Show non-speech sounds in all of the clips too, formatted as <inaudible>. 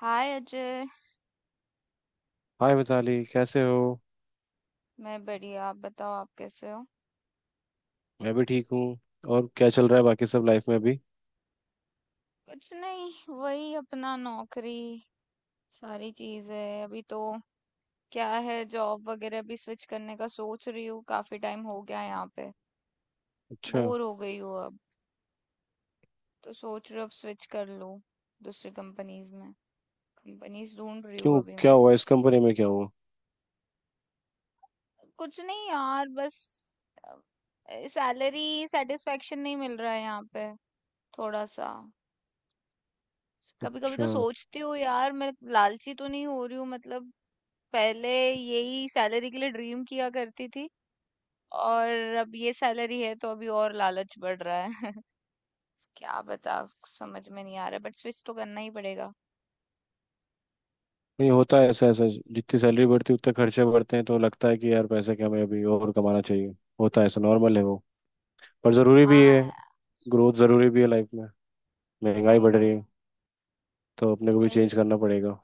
हाय Ajay. Hi Mitali, कैसे हो। मैं बढ़िया, आप बताओ आप कैसे हो। मैं भी ठीक हूँ। और क्या चल रहा है बाकी सब लाइफ में अभी। कुछ नहीं, वही अपना नौकरी। सारी चीज है अभी तो। क्या है, जॉब वगैरह भी स्विच करने का सोच रही हूँ, काफी टाइम हो गया यहाँ पे। अच्छा। बोर हो गई हूँ अब। तो सोच रही हूँ अब स्विच कर लूँ दूसरी कंपनीज में। कंपनीज ढूंढ रही हूँ क्यों, अभी क्या मैं। हुआ इस कंपनी में, क्या हुआ। कुछ नहीं यार, बस सैलरी सेटिस्फेक्शन नहीं मिल रहा है यहाँ पे, थोड़ा सा। कभी कभी तो अच्छा। सोचती हूँ यार, मैं लालची तो नहीं हो रही हूँ, मतलब पहले यही सैलरी के लिए ड्रीम किया करती थी, और अब ये सैलरी है तो अभी और लालच बढ़ रहा है <laughs> क्या बता, समझ में नहीं आ रहा, बट स्विच तो करना ही पड़ेगा। नहीं, होता है ऐसा ऐसा, जितनी सैलरी बढ़ती है उतने खर्चे बढ़ते हैं तो लगता है कि यार पैसे, क्या हमें अभी और कमाना चाहिए। होता है ऐसा, नॉर्मल है वो। पर ज़रूरी भी है। हाँ। ग्रोथ ज़रूरी भी है लाइफ में। महंगाई आई बढ़ नो। रही है, तो अपने को भी वही। चेंज करना पड़ेगा।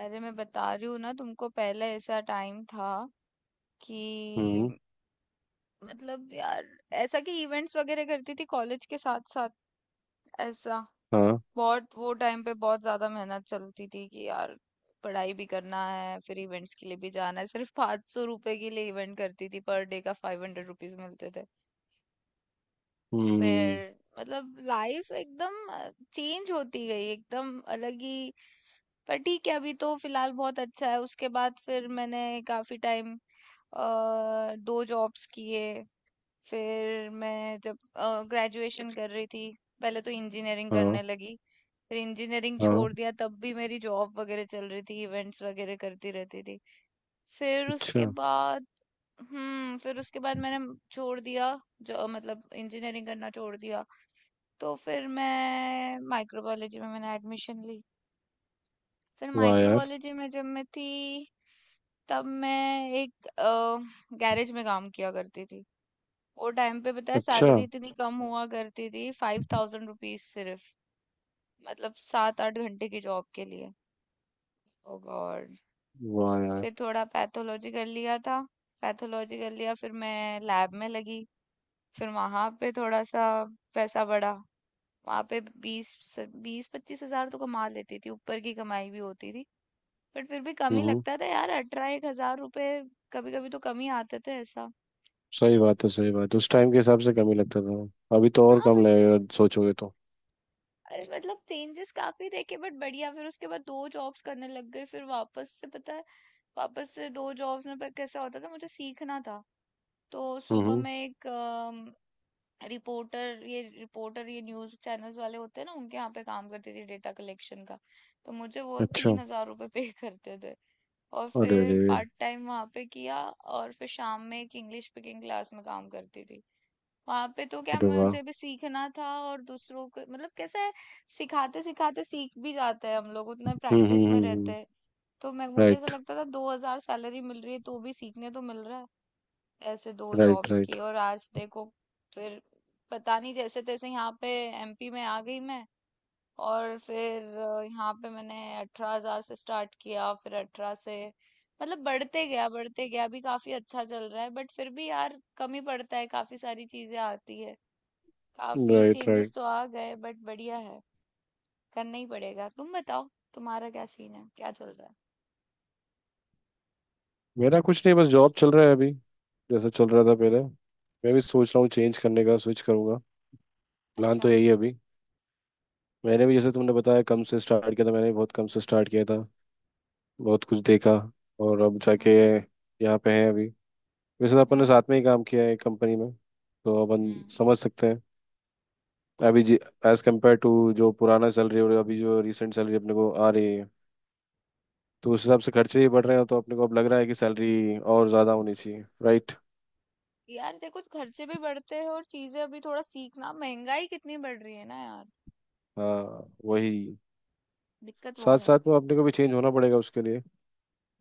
अरे मैं बता रही हूँ ना तुमको, पहले ऐसा टाइम था कि हम्म। मतलब यार, ऐसा कि इवेंट्स वगैरह करती थी कॉलेज के साथ साथ, ऐसा। हाँ। बहुत वो टाइम पे बहुत ज्यादा मेहनत चलती थी कि यार पढ़ाई भी करना है, फिर इवेंट्स के लिए भी जाना है। सिर्फ 500 रुपए के लिए इवेंट करती थी, पर डे का 500 रुपीज मिलते थे। हम्म। फिर मतलब लाइफ एकदम चेंज होती गई, एकदम अलग ही। पर ठीक है, अभी तो फिलहाल बहुत अच्छा है। उसके बाद फिर मैंने काफी टाइम दो जॉब्स किए। फिर मैं जब ग्रेजुएशन कर रही थी, पहले तो इंजीनियरिंग हाँ करने लगी, फिर इंजीनियरिंग हाँ। छोड़ दिया। तब भी मेरी जॉब वगैरह चल रही थी, इवेंट्स वगैरह करती रहती थी। फिर उसके अच्छा। बाद फिर उसके बाद मैंने छोड़ दिया। जो मतलब इंजीनियरिंग करना छोड़ दिया, तो फिर मैं माइक्रोबायोलॉजी में मैंने एडमिशन ली। फिर वाह यार। माइक्रोबायोलॉजी में जब मैं थी, तब मैं एक गैरेज में काम किया करती थी। वो टाइम पे पता है अच्छा। सैलरी इतनी कम हुआ करती थी, 5000 रुपीज सिर्फ। मतलब 7-8 घंटे की जॉब के लिए। ओ गॉड। वाह यार। फिर थोड़ा पैथोलॉजी कर लिया था। पैथोलॉजी कर लिया फिर मैं लैब में लगी। फिर वहां पे थोड़ा सा पैसा बढ़ा। वहां पे बीस, 20-25 हजार तो कमा लेती थी, ऊपर की कमाई भी होती थी। बट फिर भी कम ही हम्म। लगता था यार, अठारह एक हजार रुपए कभी कभी तो कम ही आते थे ऐसा। सही बात है, सही बात है, उस होता टाइम के है। हिसाब से कम ही लगता था, अभी तो और हाँ कम मतलब, लगेगा सोचोगे तो। अरे मतलब चेंजेस काफी देखे बट बढ़िया। फिर उसके बाद दो जॉब्स करने लग गए। फिर वापस से पता है, वापस से दो जॉब्स में पर कैसा होता था, मुझे सीखना था। तो सुबह हम्म। में एक रिपोर्टर, ये रिपोर्टर ये न्यूज चैनल्स वाले होते हैं ना, उनके यहाँ पे काम करती थी डेटा कलेक्शन का। तो मुझे वो अच्छा। 3000 रुपये पे <laughs> करते थे। और अरे फिर अरे। पार्ट टाइम वहाँ पे किया। और फिर शाम में एक इंग्लिश स्पीकिंग क्लास में काम करती थी। वहां पे तो क्या अरे वाह। मुझे भी सीखना था और दूसरों को मतलब कैसे है, सिखाते सिखाते सीख भी जाते हैं हम लोग, उतना प्रैक्टिस में रहते हम्म। हैं। तो मैं मुझे ऐसा राइट लगता था 2000 सैलरी मिल रही है तो भी सीखने तो मिल रहा है। ऐसे दो राइट। जॉब्स राइट की और आज देखो, फिर पता नहीं जैसे तैसे यहाँ पे एमपी में आ गई मैं। और फिर यहाँ पे मैंने 18000 से स्टार्ट किया, फिर अठारह से मतलब बढ़ते गया बढ़ते गया, अभी काफी अच्छा चल रहा है बट फिर भी यार कमी पड़ता है, काफी सारी चीजें आती है। काफी राइट। Changes right. तो आ गए बट बढ़िया है, करना ही पड़ेगा। तुम बताओ, तुम्हारा क्या सीन है, क्या चल रहा है। मेरा कुछ नहीं, बस जॉब चल रहा है अभी। जैसा चल रहा था पहले। मैं भी सोच रहा हूँ चेंज करने का, स्विच करूँगा। प्लान अच्छा। तो यही है अभी। मैंने भी जैसे तुमने बताया कम से स्टार्ट किया था, मैंने भी बहुत कम से स्टार्ट किया था। बहुत कुछ देखा। और अब जाके हम्म यहाँ पे हैं अभी। वैसे तो अपन ने हम्म साथ में ही काम किया है एक कंपनी में, तो अपन हम्म। समझ सकते हैं। अभी जी, एज कम्पेयर टू जो पुराना सैलरी और अभी जो रिसेंट सैलरी अपने को आ रही है, तो उस हिसाब से खर्चे ही बढ़ रहे हैं, तो अपने को अब लग रहा है कि सैलरी और ज़्यादा होनी चाहिए, राइट। यार देखो खर्चे भी बढ़ते हैं, और चीजें अभी थोड़ा सीखना, महंगाई कितनी बढ़ रही है ना यार, हाँ वही। दिक्कत वो साथ है। साथ में अपने को भी चेंज होना पड़ेगा उसके लिए,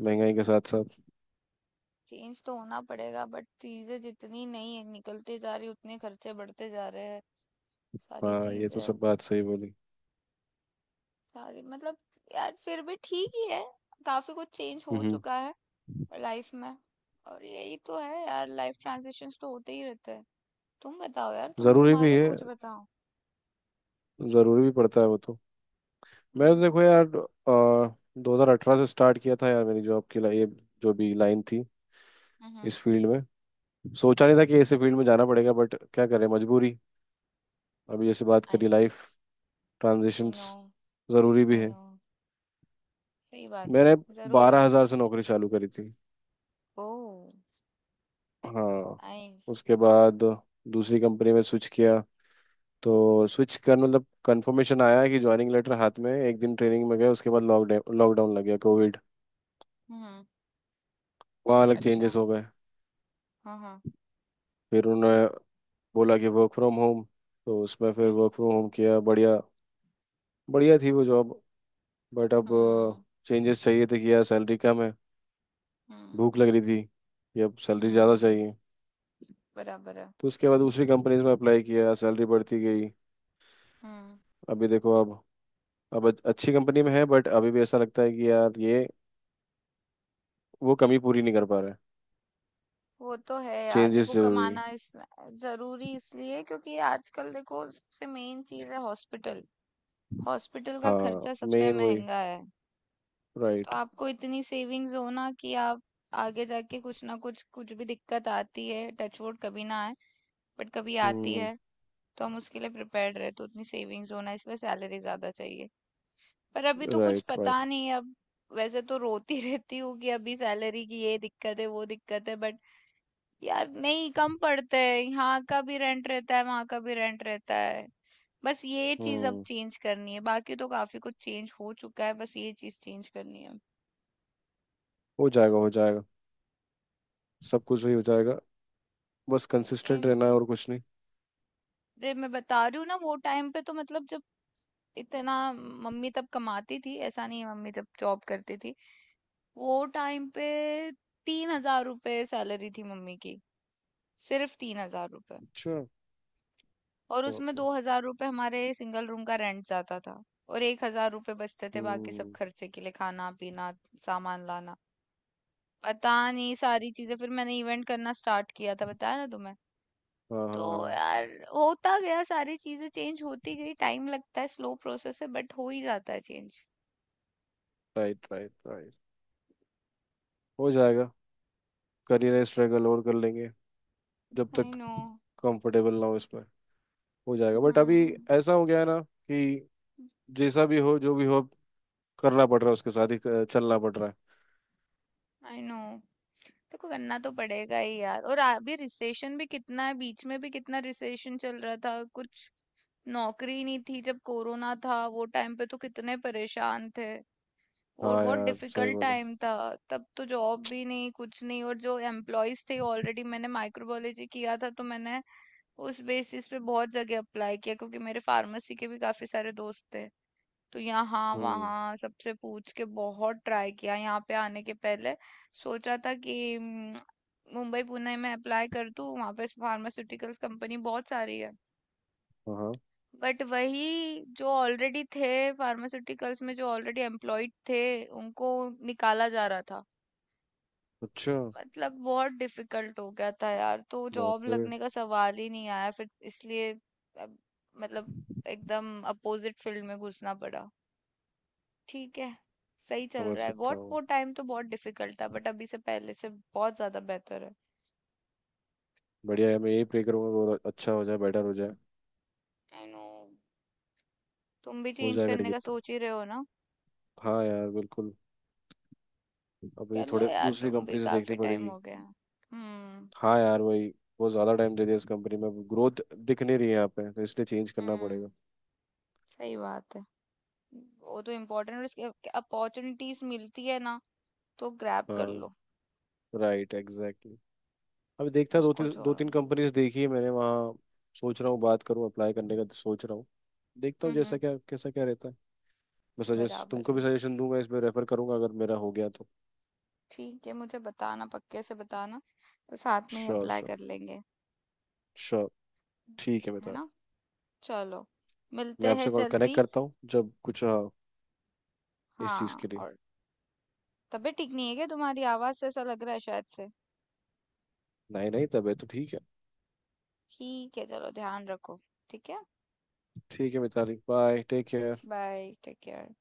महंगाई के साथ साथ। चेंज तो होना पड़ेगा बट चीजें जितनी नहीं है, निकलते जा रही, उतने खर्चे बढ़ते जा रहे हैं। सारी हाँ ये चीज तो है, सब बात सही बोली। सारी मतलब। यार फिर भी ठीक ही है, काफी कुछ चेंज हो हम्म। चुका है और लाइफ में। और यही तो है यार, लाइफ ट्रांजिशंस तो होते ही रहते हैं। तुम बताओ यार, तुम ज़रूरी भी तुम्हारा तो है, कुछ बताओ। ज़रूरी भी पड़ता है वो तो। मैंने तो हम्म। देखो यार, 2018 से स्टार्ट किया था यार, मेरी जॉब की ये जो भी लाइन थी हम्म। इस फील्ड में। सोचा नहीं था कि ऐसे फील्ड में जाना पड़ेगा, बट क्या करें, मजबूरी। अभी जैसे बात आई करी, नो। लाइफ आई ट्रांजिशंस नो। ज़रूरी भी आई है। नो। सही बात है, मैंने जरूरी बारह है। हज़ार से नौकरी चालू करी थी। ओह। हाँ। नाइस। उसके बाद दूसरी कंपनी में स्विच किया। तो स्विच कर मतलब कंफर्मेशन आया कि ज्वाइनिंग लेटर हाथ में, एक दिन ट्रेनिंग में गए, उसके बाद लॉकडाउन लॉकडाउन लग गया, कोविड। हम्म। वहाँ अलग चेंजेस अच्छा। हो गए। हाँ हाँ। फिर उन्होंने बोला कि वर्क फ्रॉम होम, तो उसमें फिर हम्म। वर्क फ्रॉम होम किया, बढ़िया। बढ़िया थी वो जॉब, बट अब हम्म। चेंजेस चाहिए थे, किया, सैलरी कम है। भूख हम्म। लग रही थी कि अब सैलरी ज़्यादा हम्म, चाहिए। बराबर है। तो उसके बाद दूसरी कंपनीज में अप्लाई किया, सैलरी बढ़ती गई। हम्म। अभी देखो अब अच्छी कंपनी में है, बट अभी भी ऐसा लगता है कि यार ये वो कमी पूरी नहीं कर पा रहा है। वो तो है यार, चेंजेस देखो जरूरी। कमाना इस जरूरी इसलिए क्योंकि आजकल देखो सबसे मेन चीज है हॉस्पिटल। हॉस्पिटल का हाँ खर्चा सबसे मेन वही। महंगा है। तो राइट। आपको इतनी सेविंग्स हो ना कि आप आगे जाके, कुछ ना कुछ, कुछ भी दिक्कत आती है, टच वुड कभी ना आए बट कभी आती हम्म। है, तो हम उसके लिए प्रिपेयर्ड रहे, तो उतनी सेविंग्स होना, इसलिए सैलरी ज्यादा चाहिए। पर अभी तो कुछ राइट राइट। पता नहीं है अब। वैसे तो रोती <laughs> रहती हूँ कि अभी सैलरी की ये दिक्कत है वो दिक्कत है, बट यार नहीं, कम पड़ते हैं, यहाँ का भी रेंट रहता है, वहां का भी रेंट रहता है। बस ये चीज अब हम्म। चेंज करनी है, बाकी तो काफी कुछ चेंज हो चुका है, बस ये चीज चेंज करनी हो जाएगा, हो जाएगा। सब कुछ ही हो जाएगा। बस है। कंसिस्टेंट रहना है और कुछ नहीं। अरे मैं बता रही हूँ ना, वो टाइम पे तो मतलब जब इतना मम्मी तब कमाती थी ऐसा नहीं है। मम्मी जब जॉब करती थी वो टाइम पे, 3000 रुपये सैलरी थी मम्मी की, सिर्फ 3000 रुपये। अच्छा। और बाप उसमें रे। 2000 रुपये हमारे सिंगल रूम का रेंट जाता था। और 1000 रुपये बचते थे बाकी सब हम्म। खर्चे के लिए, खाना पीना, सामान लाना, पता नहीं सारी चीजें। फिर मैंने इवेंट करना स्टार्ट किया था, बताया ना तुम्हें। हाँ हाँ तो हाँ। यार होता गया, सारी चीजें चेंज होती गई, टाइम लगता है, स्लो प्रोसेस है बट हो ही जाता है चेंज। Right right right. हो जाएगा। करियर स्ट्रगल और कर लेंगे जब आई तक नो। कंफर्टेबल ना हो इसमें। हो जाएगा, बट अभी हम्म। ऐसा हो गया है ना कि जैसा भी हो, जो भी हो, करना पड़ रहा है, उसके साथ ही चलना पड़ रहा है। I know. देखो करना तो पड़ेगा ही यार, और अभी रिसेशन भी कितना है, बीच में भी कितना रिसेशन चल रहा था। कुछ नौकरी नहीं थी जब कोरोना था वो टाइम पे, तो कितने परेशान थे, और हाँ बहुत यार सही डिफिकल्ट बोलो। टाइम था। तब तो जॉब भी नहीं, कुछ नहीं। और जो एम्प्लॉयज थे ऑलरेडी, मैंने माइक्रोबायोलॉजी किया था तो मैंने उस बेसिस पे बहुत जगह अप्लाई किया, क्योंकि मेरे फार्मेसी के भी काफी सारे दोस्त थे। तो यहाँ हम्म। वहाँ सबसे पूछ के बहुत ट्राई किया यहाँ पे आने के पहले। सोचा था कि मुंबई पुणे में अप्लाई कर दूँ, वहाँ पे फार्मास्यूटिकल्स कंपनी बहुत सारी है। हाँ हाँ। बट वही जो ऑलरेडी थे फार्मास्यूटिकल्स में, जो ऑलरेडी एम्प्लॉयड थे, उनको निकाला जा रहा था। अच्छा। मतलब बहुत डिफिकल्ट हो गया था यार, तो जॉब बाप रे। लगने का सवाल ही नहीं आया फिर, इसलिए अब मतलब एकदम अपोजिट फील्ड में घुसना पड़ा। ठीक है, सही चल समझ रहा है सकता बहुत। हूँ। वो टाइम तो बहुत डिफिकल्ट था, बट अभी से पहले से बहुत ज्यादा बेहतर है। बढ़िया है, मैं यही प्रे करूंगा बहुत अच्छा हो जाए, बेटर हो जाए। I know. तुम भी हो चेंज जाएगा करने टिकट का तो। सोच ही रहे हो ना, हाँ यार बिल्कुल। अब ये कर लो थोड़े यार, दूसरी तुम भी कंपनी से काफी देखनी टाइम पड़ेगी। हो गया। हम्म। हाँ यार वही। बहुत ज़्यादा टाइम दे दिया इस कंपनी में, ग्रोथ दिख नहीं रही है यहाँ पे, तो इसलिए चेंज करना हम्म। पड़ेगा। सही बात है। वो तो इम्पोर्टेंट, अपॉर्चुनिटीज मिलती है ना तो ग्रैब कर लो। हाँ। Right, exactly. अभी देखता, दो उसको तीन दो छोड़ो तीन मत। कंपनीज देखी है मैंने वहाँ। सोच रहा हूँ बात करूँ, अप्लाई करने का तो सोच रहा हूँ। देखता हूँ जैसा हम्म। क्या, कैसा क्या रहता है। मैं सजेस्ट, बराबर तुमको है। भी सजेशन दूंगा, इसमें रेफर करूंगा अगर मेरा हो गया तो। ठीक है, मुझे बताना, पक्के से बताना, तो साथ में ही श्योर अप्लाई श्योर। कर लेंगे। श्योर। ठीक है है ना। मिताली। चलो मैं मिलते हैं आपसे कनेक्ट जल्दी। करता हूँ जब कुछ इस चीज़ हाँ, के लिए। और तबीयत ठीक नहीं है क्या, तुम्हारी आवाज से ऐसा लग रहा है शायद से। नहीं नहीं, तब है तो ठीक है। ठीक है चलो, ध्यान रखो। ठीक है। ठीक है Mitali, bye, take care. Bye, take care.